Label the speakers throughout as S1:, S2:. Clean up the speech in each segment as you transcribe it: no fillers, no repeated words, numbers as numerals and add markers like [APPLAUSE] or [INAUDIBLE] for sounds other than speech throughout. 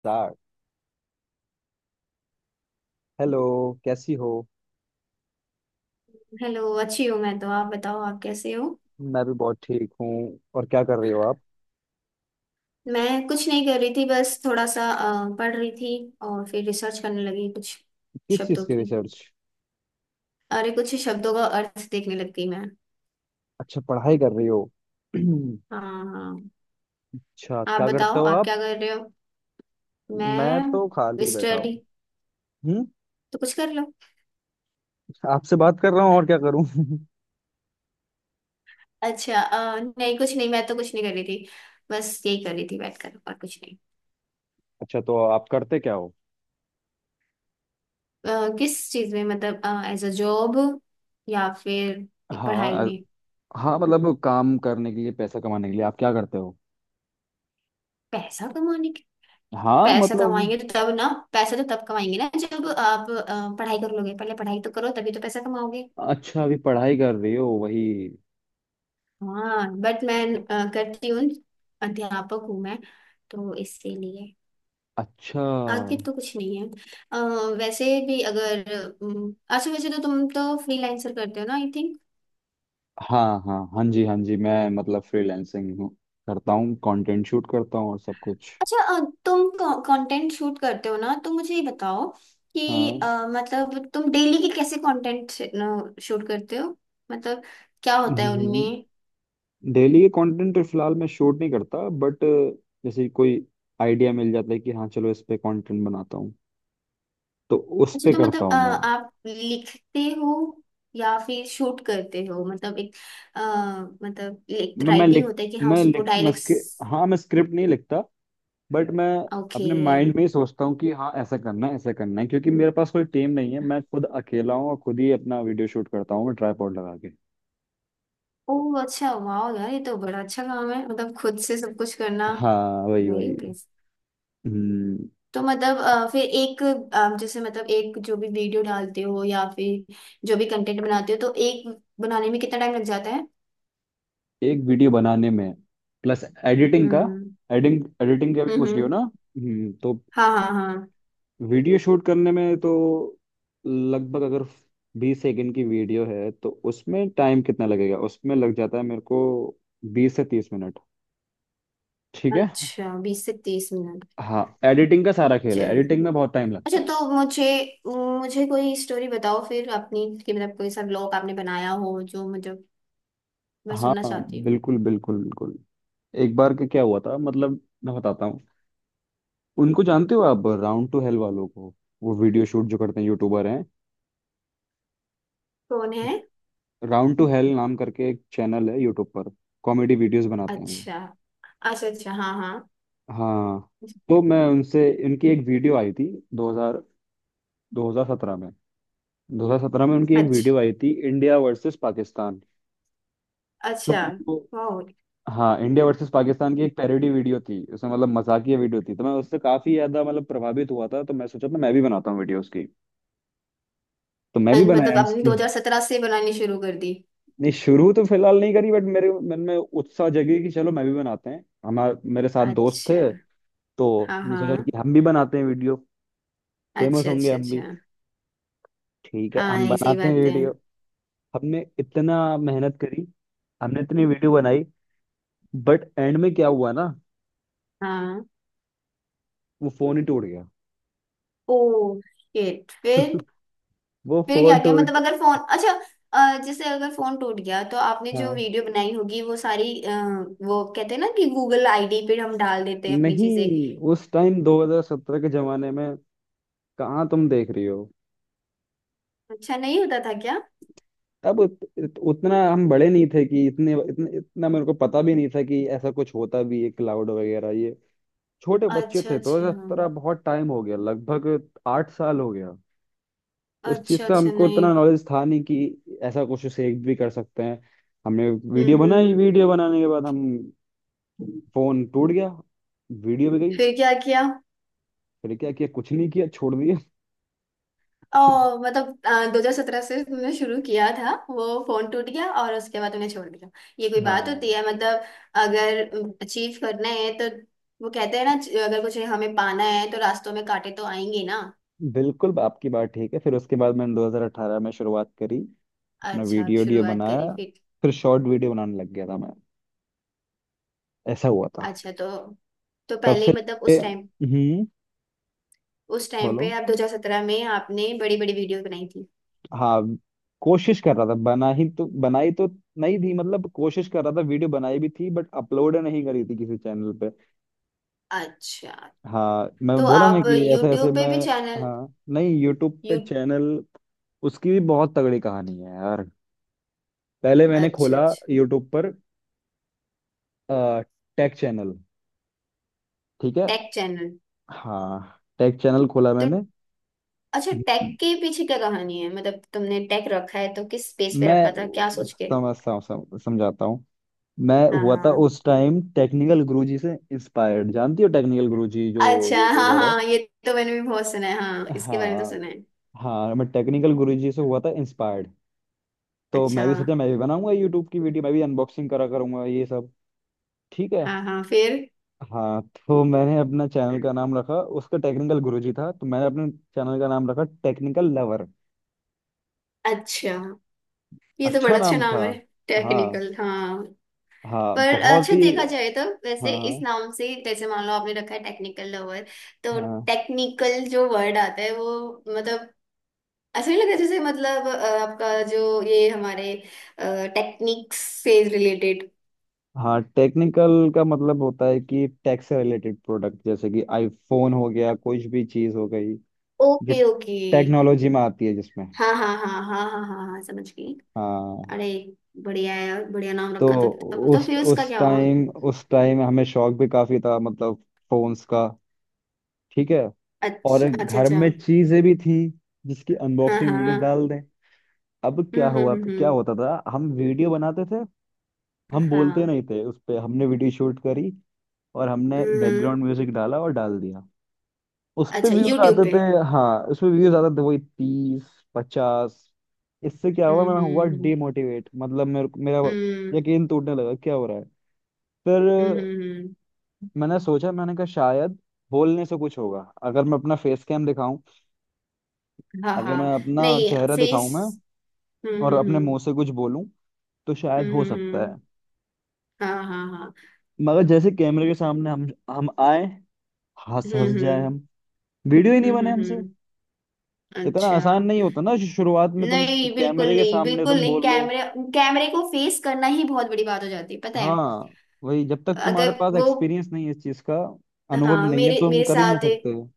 S1: Start. Hello. कैसी हो?
S2: Hello. अच्छी हूँ मैं तो। आप बताओ, आप कैसे हो?
S1: मैं भी बहुत ठीक हूँ। और क्या कर रही हो आप?
S2: मैं कुछ नहीं कर रही थी, बस थोड़ा सा पढ़ रही थी। और फिर रिसर्च करने लगी कुछ
S1: किस चीज़
S2: शब्दों
S1: की
S2: की।
S1: रिसर्च?
S2: अरे, कुछ शब्दों का अर्थ देखने लग गई मैं।
S1: अच्छा, पढ़ाई कर रही हो। [CLEARS THROAT] अच्छा।
S2: हाँ। हाँ।
S1: क्या
S2: आप
S1: करते
S2: बताओ,
S1: हो
S2: आप
S1: आप?
S2: क्या कर रहे हो?
S1: मैं तो
S2: मैं
S1: खाली बैठा
S2: स्टडी।
S1: हूँ। हम्म।
S2: तो कुछ कर लो।
S1: आपसे बात कर रहा हूँ और क्या करूँ? [LAUGHS]
S2: अच्छा। नहीं कुछ नहीं, मैं तो कुछ नहीं कर रही थी, बस यही कर रही थी बैठकर, और कुछ नहीं।
S1: अच्छा, तो आप करते क्या हो?
S2: अ, किस चीज में मतलब? एज अ जॉब या फिर
S1: हाँ।
S2: पढ़ाई में?
S1: हाँ, मतलब काम करने के लिए, पैसा कमाने के लिए आप क्या करते हो?
S2: पैसा कमाने।
S1: हाँ,
S2: पैसा
S1: मतलब।
S2: कमाएंगे तो तब ना। पैसा तो तब कमाएंगे ना, जब आप पढ़ाई कर लोगे। पहले पढ़ाई तो करो, तभी तो पैसा कमाओगे।
S1: अच्छा, अभी पढ़ाई कर रही हो वही।
S2: हाँ बट मैं करती हूँ। अध्यापक हूँ मैं, तो इसीलिए
S1: अच्छा।
S2: आगे तो कुछ नहीं है। अ, वैसे भी अगर, अच्छा वैसे तो तुम तो फ्रीलांसर करते हो ना, आई थिंक।
S1: हाँ हाँ हाँ जी, हाँ जी। मैं मतलब फ्रीलैंसिंग हूँ, करता हूँ, कंटेंट शूट करता हूँ और सब कुछ।
S2: अच्छा। तुम कंटेंट शूट करते हो ना, तो मुझे ये बताओ कि
S1: हाँ।
S2: मतलब तुम डेली के कैसे कंटेंट शूट करते हो? मतलब क्या होता है उनमें?
S1: डेली के कंटेंट तो फिलहाल मैं शूट नहीं करता, बट जैसे कोई आइडिया मिल जाता है कि हाँ चलो इस पे कंटेंट बनाता हूँ, तो उस
S2: अच्छा
S1: पे
S2: तो
S1: करता
S2: मतलब
S1: हूँ मैं।
S2: आप लिखते हो या फिर शूट करते हो? मतलब एक अ, मतलब एक
S1: मैं
S2: राइटिंग
S1: लिख
S2: होता है कि हाँ
S1: मैं
S2: उसको
S1: लिख मैं
S2: डायलॉग्स।
S1: स्क्रिप्ट हाँ, मैं स्क्रिप्ट नहीं लिखता, बट मैं
S2: ओके।
S1: अपने माइंड में ही सोचता हूँ कि हाँ ऐसा करना है, ऐसा करना है, क्योंकि मेरे पास कोई टीम नहीं है, मैं खुद अकेला हूँ और खुद ही अपना वीडियो शूट करता हूँ मैं, ट्राईपॉड लगा के।
S2: ओ अच्छा, वाह यार, ये तो बड़ा अच्छा काम है, मतलब खुद से सब कुछ करना।
S1: हाँ, वही
S2: वेरी
S1: वही।
S2: इंप्रेस।
S1: हम्म।
S2: तो मतलब फिर एक जैसे मतलब एक जो भी वीडियो डालते हो या फिर जो भी कंटेंट बनाते हो तो एक बनाने में कितना टाइम लग जाता है?
S1: एक वीडियो बनाने में, प्लस एडिटिंग का।
S2: हम्म
S1: एडिटिंग एडिटिंग का भी
S2: हम्म
S1: पूछ रही हो
S2: हम्म।
S1: ना? हम्म, तो
S2: हाँ हाँ हाँ।
S1: वीडियो शूट करने में तो लगभग, अगर 20 सेकंड की वीडियो है तो उसमें टाइम कितना लगेगा, उसमें लग जाता है मेरे को 20 से 30 मिनट। ठीक है।
S2: अच्छा, बीस से तीस मिनट।
S1: हाँ। एडिटिंग का सारा खेल है, एडिटिंग में बहुत टाइम
S2: अच्छा
S1: लगता है।
S2: तो मुझे मुझे कोई स्टोरी बताओ फिर अपनी, कि मतलब कोई सा ब्लॉग आपने बनाया हो जो मुझे, मैं
S1: हाँ
S2: सुनना
S1: हाँ,
S2: चाहती हूँ।
S1: बिल्कुल बिल्कुल बिल्कुल। एक बार का क्या हुआ था मतलब, मैं बताता हूँ। उनको जानते हो आप, राउंड टू हेल वालों को? वो वीडियो शूट जो करते हैं, यूट्यूबर हैं।
S2: कौन है?
S1: राउंड टू हेल नाम करके एक चैनल है यूट्यूब पर। कॉमेडी वीडियोस बनाते हैं वो।
S2: अच्छा अच्छा अच्छा। हाँ हाँ।
S1: हाँ, तो मैं उनसे उनकी एक वीडियो आई थी 2000 2017 में। 2017 में उनकी एक
S2: अच्छा
S1: वीडियो आई थी, इंडिया वर्सेस पाकिस्तान। तो
S2: अच्छा।
S1: वो-
S2: वाह।
S1: हाँ, इंडिया वर्सेस पाकिस्तान की एक पैरोडी वीडियो थी उसमें, मतलब मजाकिया वीडियो थी, तो मैं उससे काफी ज्यादा मतलब प्रभावित हुआ था। तो मैं सोचा था मैं भी बनाता हूँ वीडियो उसकी, तो मैं भी
S2: मतलब
S1: बनाया
S2: आपने
S1: उसकी।
S2: 2017 से बनानी शुरू कर दी?
S1: नहीं, शुरू तो फिलहाल नहीं करी, बट मेरे मन में उत्साह जगी कि चलो मैं भी बनाते हैं, हमारे मेरे साथ दोस्त थे,
S2: अच्छा।
S1: तो
S2: हाँ
S1: हमने सोचा
S2: हाँ।
S1: कि हम भी बनाते हैं वीडियो, फेमस
S2: अच्छा
S1: होंगे
S2: अच्छा
S1: हम भी।
S2: अच्छा।
S1: ठीक है,
S2: हाँ,
S1: हम
S2: ये सही
S1: बनाते हैं
S2: बात है।
S1: वीडियो। हमने इतना मेहनत करी, हमने इतनी वीडियो बनाई, बट एंड में क्या हुआ ना,
S2: हाँ।
S1: वो फोन ही टूट गया।
S2: Oh shit. फिर?
S1: [LAUGHS] वो
S2: फिर क्या
S1: फोन
S2: किया मतलब
S1: टूट।
S2: अगर फोन अच्छा, जैसे अगर फोन टूट गया तो आपने जो
S1: हाँ,
S2: वीडियो बनाई होगी वो सारी वो कहते हैं ना कि गूगल आईडी पे हम डाल देते हैं अपनी चीजें।
S1: नहीं, उस टाइम 2017 के जमाने में कहाँ? तुम देख रही हो?
S2: अच्छा, नहीं होता था क्या?
S1: तब उतना हम बड़े नहीं थे कि इतने इतने इतना मेरे को पता भी नहीं था कि ऐसा कुछ होता भी है, क्लाउड वगैरह ये। छोटे बच्चे
S2: अच्छा
S1: थे,
S2: अच्छा
S1: 2017 बहुत टाइम हो गया, लगभग 8 साल हो गया। तो इस चीज
S2: अच्छा।
S1: का
S2: अच्छा
S1: हमको
S2: नहीं।
S1: इतना नॉलेज था नहीं कि ऐसा कुछ सेव भी कर सकते हैं। हमने वीडियो बनाई,
S2: हम्म
S1: वीडियो बनाने के बाद हम,
S2: हम्म।
S1: फोन टूट गया, वीडियो भी गई।
S2: फिर क्या किया?
S1: फिर क्या किया? कुछ नहीं किया, छोड़ दिया।
S2: ओ। मतलब दो हजार सत्रह से तुमने शुरू किया था, वो फोन टूट गया और उसके बाद तुमने छोड़ दिया? ये कोई बात
S1: हाँ,
S2: होती है मतलब? अगर अचीव करना है तो, वो कहते हैं ना, अगर कुछ हमें पाना है तो रास्तों में कांटे तो आएंगे ना।
S1: बिल्कुल आपकी बात ठीक है। फिर उसके बाद मैंने 2018 में शुरुआत करी। अपना
S2: अच्छा, आप
S1: वीडियो वीडियो
S2: शुरुआत करी
S1: बनाया,
S2: फिर।
S1: फिर शॉर्ट वीडियो बनाने लग गया था मैं, ऐसा हुआ था।
S2: अच्छा तो
S1: तब
S2: पहले
S1: से।
S2: ही मतलब उस टाइम,
S1: हम्म।
S2: उस टाइम पे
S1: बोलो।
S2: आप 2017 में आपने बड़ी बड़ी वीडियो बनाई थी?
S1: हाँ, कोशिश कर रहा था, बना ही तो बनाई तो नहीं थी, मतलब कोशिश कर रहा था, वीडियो बनाई भी थी बट अपलोड नहीं करी थी किसी चैनल पे।
S2: अच्छा
S1: हाँ, मैं
S2: तो
S1: बोला ना
S2: आप
S1: कि ऐसे ऐसे
S2: यूट्यूब पे
S1: मैं।
S2: भी चैनल?
S1: हाँ, नहीं, यूट्यूब पे
S2: यू,
S1: चैनल। उसकी भी बहुत तगड़ी कहानी है यार। पहले मैंने
S2: अच्छा
S1: खोला
S2: अच्छा।
S1: यूट्यूब पर टेक चैनल। ठीक है।
S2: Tech channel.
S1: हाँ, टेक चैनल खोला
S2: तो,
S1: मैंने।
S2: अच्छा, टेक के पीछे क्या कहानी है, मतलब तुमने टेक रखा है तो किस स्पेस पे
S1: मैं
S2: रखा था क्या सोच के?
S1: समझाता हूँ। मैं
S2: हाँ
S1: हुआ था
S2: हाँ।
S1: उस टाइम टेक्निकल गुरुजी से इंस्पायर्ड, जानती हो टेक्निकल गुरुजी जो
S2: अच्छा हाँ
S1: यूट्यूबर है?
S2: हाँ ये, तो मैंने भी बहुत सुना है हाँ, इसके बारे में तो
S1: हाँ
S2: सुना है।
S1: हाँ। मैं टेक्निकल गुरुजी से हुआ था इंस्पायर्ड, तो
S2: अच्छा।
S1: मैं भी सोचा मैं भी बनाऊंगा यूट्यूब की वीडियो, मैं भी अनबॉक्सिंग करा करूंगा ये सब। ठीक है।
S2: हाँ हाँ फिर।
S1: हाँ, तो मैंने अपना चैनल का नाम रखा, उसका टेक्निकल गुरुजी था तो मैंने अपने चैनल का नाम रखा टेक्निकल लवर।
S2: अच्छा, ये तो
S1: अच्छा
S2: बड़ा अच्छा
S1: नाम
S2: नाम
S1: था।
S2: है।
S1: हाँ
S2: टेक्निकल हाँ।
S1: हाँ,
S2: पर
S1: बहुत
S2: अच्छा,
S1: ही।
S2: देखा जाए तो वैसे इस
S1: हाँ
S2: नाम से, जैसे मान लो आपने रखा है टेक्निकल लवर, तो
S1: हाँ
S2: टेक्निकल जो वर्ड आता है वो, मतलब ऐसा नहीं लगता, जैसे मतलब आपका जो ये हमारे टेक्निक्स से रिलेटेड?
S1: हाँ, टेक्निकल का मतलब होता है कि टेक से रिलेटेड प्रोडक्ट, जैसे कि आईफोन हो गया, कुछ भी चीज हो गई जो
S2: ओके ओके।
S1: टेक्नोलॉजी में आती है, जिसमें।
S2: हाँ हाँ हाँ हाँ हाँ हाँ हाँ हाँ, समझ गई।
S1: हाँ,
S2: अरे, बढ़िया है यार, बढ़िया नाम
S1: तो
S2: रखा। तो फिर तो
S1: उस
S2: फिर उसका
S1: उस
S2: क्या हुआ?
S1: टाइम उस टाइम हमें शौक भी काफी था, मतलब फोन्स का। ठीक है। और
S2: अच्छा अच्छा
S1: घर
S2: अच्छा।
S1: में चीजें भी थी जिसकी
S2: हाँ
S1: अनबॉक्सिंग
S2: हाँ।
S1: वीडियो डाल दें। अब क्या
S2: हम्म हम्म
S1: हुआ,
S2: हम्म
S1: क्या
S2: हम्म,
S1: होता था, हम वीडियो बनाते थे। हम बोलते
S2: हाँ।
S1: नहीं थे उस पे, हमने वीडियो शूट करी और हमने
S2: हम्म।
S1: बैकग्राउंड म्यूजिक डाला और डाल दिया। उस पे
S2: अच्छा,
S1: व्यूज
S2: यूट्यूब
S1: आते
S2: पे?
S1: थे। हाँ, उस पे व्यूज आते थे वही, 30, 50। इससे क्या हुआ,
S2: हम्म
S1: मैं हुआ
S2: हम्म हम्म
S1: डिमोटिवेट, मतलब मेरा
S2: हम्म।
S1: यकीन टूटने लगा, क्या हो रहा है। फिर
S2: हम्म हम्म, हम्म,
S1: मैंने सोचा, मैंने कहा शायद बोलने से कुछ होगा, अगर मैं अपना फेस कैम दिखाऊं,
S2: हाँ
S1: अगर
S2: हाँ।
S1: मैं अपना
S2: नहीं
S1: चेहरा दिखाऊं मैं,
S2: फेस। हम्म
S1: और अपने मुंह
S2: हम्म
S1: से कुछ बोलूं, तो शायद
S2: हम्म
S1: हो
S2: हम्म हम्म,
S1: सकता है।
S2: हम्म, हाँ हाँ हाँ।
S1: मगर जैसे कैमरे के सामने हम आए, हंस
S2: हम्म
S1: हंस जाए
S2: हम्म
S1: हम, वीडियो ही नहीं बने हमसे।
S2: हम्म।
S1: इतना
S2: अच्छा,
S1: आसान नहीं होता ना शुरुआत में तुम,
S2: नहीं बिल्कुल
S1: कैमरे के
S2: नहीं,
S1: सामने
S2: बिल्कुल
S1: तुम
S2: नहीं।
S1: बोल लो।
S2: कैमरे, कैमरे को फेस करना ही बहुत बड़ी बात हो जाती है, पता है?
S1: हाँ, वही, जब तक तुम्हारे
S2: अगर
S1: पास
S2: वो,
S1: एक्सपीरियंस नहीं है इस चीज का, अनुभव
S2: हाँ
S1: नहीं है
S2: मेरे
S1: तो हम
S2: मेरे
S1: कर ही नहीं
S2: साथ,
S1: सकते हो।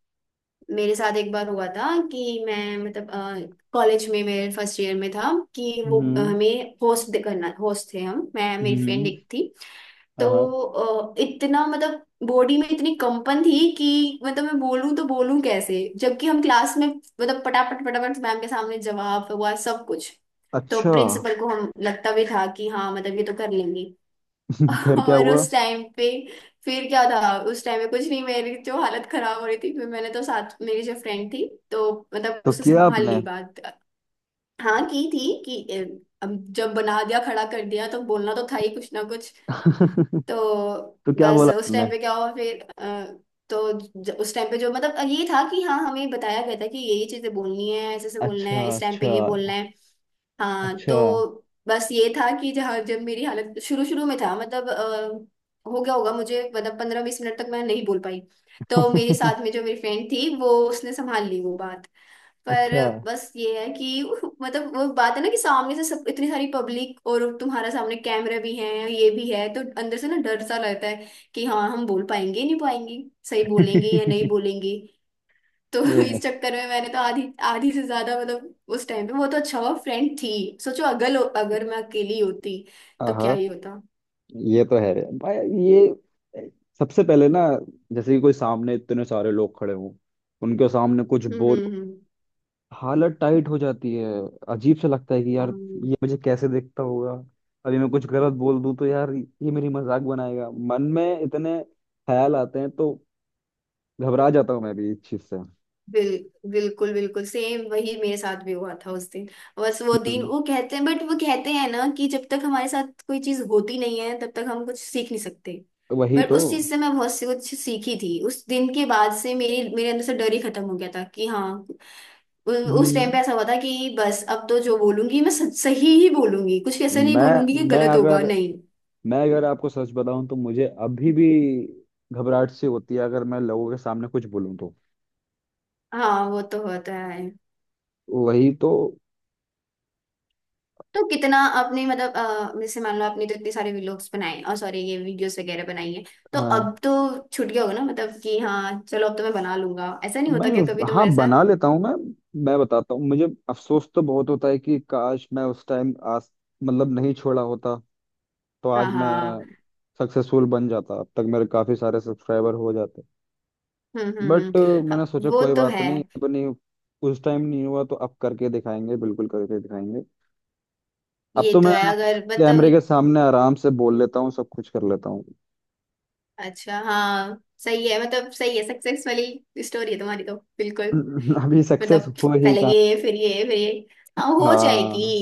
S2: मेरे साथ एक बार हुआ था कि मैं मतलब कॉलेज में मेरे फर्स्ट ईयर में था कि वो
S1: हम्म
S2: हमें होस्ट करना, होस्ट थे हम, मैं मेरी फ्रेंड
S1: हम्म।
S2: एक थी।
S1: हाँ
S2: तो
S1: हाँ।
S2: इतना मतलब बॉडी में इतनी कंपन थी कि मतलब मैं बोलूं तो बोलूं कैसे, जबकि हम क्लास में मतलब पटापट पटापट मैम के सामने जवाब हुआ सब कुछ। तो
S1: अच्छा।
S2: प्रिंसिपल को हम लगता भी था कि हाँ, मतलब ये तो कर लेंगी।
S1: [LAUGHS]
S2: [LAUGHS]
S1: फिर क्या
S2: और
S1: हुआ?
S2: उस टाइम पे फिर क्या था उस टाइम में, कुछ नहीं, मेरी जो हालत खराब हो रही थी, फिर मैंने तो साथ मेरी जो फ्रेंड थी तो मतलब
S1: तो
S2: उससे
S1: किया
S2: संभाल
S1: आपने?
S2: ली बात। हाँ की थी कि अब जब बना दिया, खड़ा कर दिया, तो बोलना तो था ही कुछ ना कुछ।
S1: [LAUGHS]
S2: तो
S1: तो क्या
S2: बस
S1: बोला
S2: उस
S1: आपने?
S2: टाइम पे क्या हुआ फिर तो उस टाइम पे जो मतलब ये था कि हाँ, हमें बताया गया था कि ये चीजें बोलनी है, ऐसे ऐसे बोलना है,
S1: अच्छा
S2: इस टाइम पे
S1: अच्छा
S2: ये बोलना है। हाँ
S1: अच्छा।
S2: तो बस ये था कि जहाँ जब मेरी हालत शुरू शुरू में था मतलब हो गया होगा मुझे मतलब पंद्रह बीस मिनट तक मैं नहीं बोल पाई। तो मेरे साथ
S1: [LAUGHS]
S2: में जो मेरी फ्रेंड थी वो उसने संभाल ली वो बात।
S1: अच्छा।
S2: पर बस ये है कि [LAUGHS] मतलब वो बात है ना कि सामने से सब इतनी सारी पब्लिक और तुम्हारा सामने कैमरा भी है ये भी है, तो अंदर से ना डर सा लगता है कि हाँ हम बोल पाएंगे नहीं पाएंगे, सही बोलेंगे या नहीं
S1: [LAUGHS]
S2: बोलेंगे। तो [LAUGHS]
S1: ये,
S2: इस चक्कर में मैंने तो आधी, आधी से ज्यादा मतलब उस टाइम पे, वो तो अच्छा हुआ फ्रेंड थी। सोचो अगर अगर मैं अकेली होती तो क्या
S1: हाँ,
S2: ही होता।
S1: ये तो है भाई। ये सबसे पहले ना, जैसे कि कोई सामने इतने सारे लोग खड़े हों, उनके सामने कुछ बोल,
S2: हम्म।
S1: हालत टाइट हो जाती है। अजीब सा लगता है कि यार,
S2: हाँ,
S1: ये मुझे कैसे देखता होगा, अभी मैं कुछ गलत बोल दूं तो यार ये मेरी मजाक बनाएगा, मन में इतने ख्याल आते हैं, तो घबरा जाता हूँ मैं भी इस चीज से।
S2: बिल्कुल बिल्कुल, सेम वही मेरे साथ भी हुआ था उस दिन। बस वो दिन
S1: हम्म,
S2: वो कहते हैं बट, वो कहते हैं ना कि जब तक हमारे साथ कोई चीज होती नहीं है तब तक हम कुछ सीख नहीं सकते।
S1: वही
S2: बट
S1: तो।
S2: उस चीज से मैं बहुत सी कुछ सीखी थी, उस दिन के बाद से मेरी मेरे अंदर से डर ही खत्म हो गया था कि हाँ, उ- उस टाइम पे
S1: हम्म।
S2: ऐसा हुआ था कि बस अब तो जो बोलूंगी मैं सही ही बोलूंगी, कुछ ऐसा नहीं बोलूंगी कि
S1: मैं मैं
S2: गलत होगा
S1: अगर
S2: नहीं।
S1: मैं अगर आपको सच बताऊं तो मुझे अभी भी घबराहट सी होती है, अगर मैं लोगों के सामने कुछ बोलूं तो।
S2: हाँ वो तो होता है।
S1: वही तो।
S2: तो कितना आपने मतलब जैसे मान लो आपने तो इतने सारे व्लॉग्स बनाए और सॉरी ये वीडियोस वगैरह बनाई है, तो
S1: हाँ,
S2: अब तो छूट गया होगा ना मतलब कि हाँ चलो अब तो मैं बना लूंगा, ऐसा नहीं
S1: मैं
S2: होता क्या कभी
S1: हाँ
S2: तुम्हारे
S1: बना
S2: साथ?
S1: लेता हूँ मैं। मैं बताता हूँ, मुझे अफसोस तो बहुत होता है कि काश मैं उस टाइम आज, मतलब नहीं छोड़ा होता, तो
S2: हाँ
S1: आज मैं
S2: हाँ।
S1: सक्सेसफुल बन जाता, अब तक मेरे काफी सारे सब्सक्राइबर हो जाते।
S2: हम्म हम्म
S1: बट
S2: हम्म,
S1: मैंने
S2: हाँ,
S1: सोचा
S2: वो
S1: कोई
S2: तो
S1: बात
S2: है।
S1: नहीं, अब नहीं, उस टाइम नहीं हुआ तो अब करके दिखाएंगे, बिल्कुल करके दिखाएंगे। अब
S2: ये
S1: तो
S2: तो
S1: मैं
S2: है अगर मतलब,
S1: कैमरे के सामने आराम से बोल लेता हूँ, सब कुछ कर लेता हूँ।
S2: अच्छा हाँ, सही है मतलब, सही है, सक्सेस वाली स्टोरी है तुम्हारी तो बिल्कुल।
S1: [LAUGHS] अभी सक्सेस
S2: मतलब
S1: हो ही
S2: पहले
S1: कहा?
S2: ये फिर ये फिर ये। हाँ हो जाएगी।
S1: हाँ,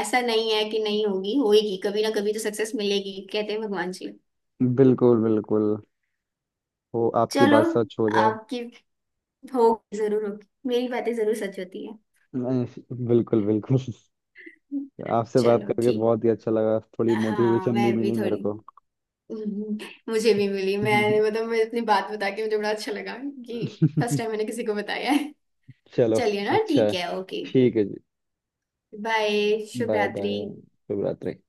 S2: ऐसा नहीं है कि नहीं होगी, होएगी, कभी ना कभी तो सक्सेस मिलेगी, कहते हैं भगवान जी।
S1: बिल्कुल बिल्कुल, वो आपकी
S2: चलो,
S1: बात सच हो जाए।
S2: आपकी, होगी जरूर होगी, मेरी बातें जरूर सच होती है।
S1: नहीं, बिल्कुल बिल्कुल। आपसे बात
S2: चलो
S1: करके
S2: ठीक।
S1: बहुत ही अच्छा लगा, थोड़ी
S2: हाँ,
S1: मोटिवेशन भी
S2: मैं भी
S1: मिली मेरे
S2: थोड़ी
S1: को।
S2: [LAUGHS] हम्म, मुझे भी मिली। मैंने
S1: [LAUGHS]
S2: मतलब मैं अपनी बात बता के मुझे बड़ा अच्छा लगा कि फर्स्ट टाइम मैंने किसी को बताया है।
S1: चलो,
S2: चलिए ना
S1: अच्छा
S2: ठीक
S1: है।
S2: है, ओके।
S1: ठीक है जी।
S2: बाय, शुभ
S1: बाय
S2: रात्रि।
S1: बाय। शुभ रात्रि।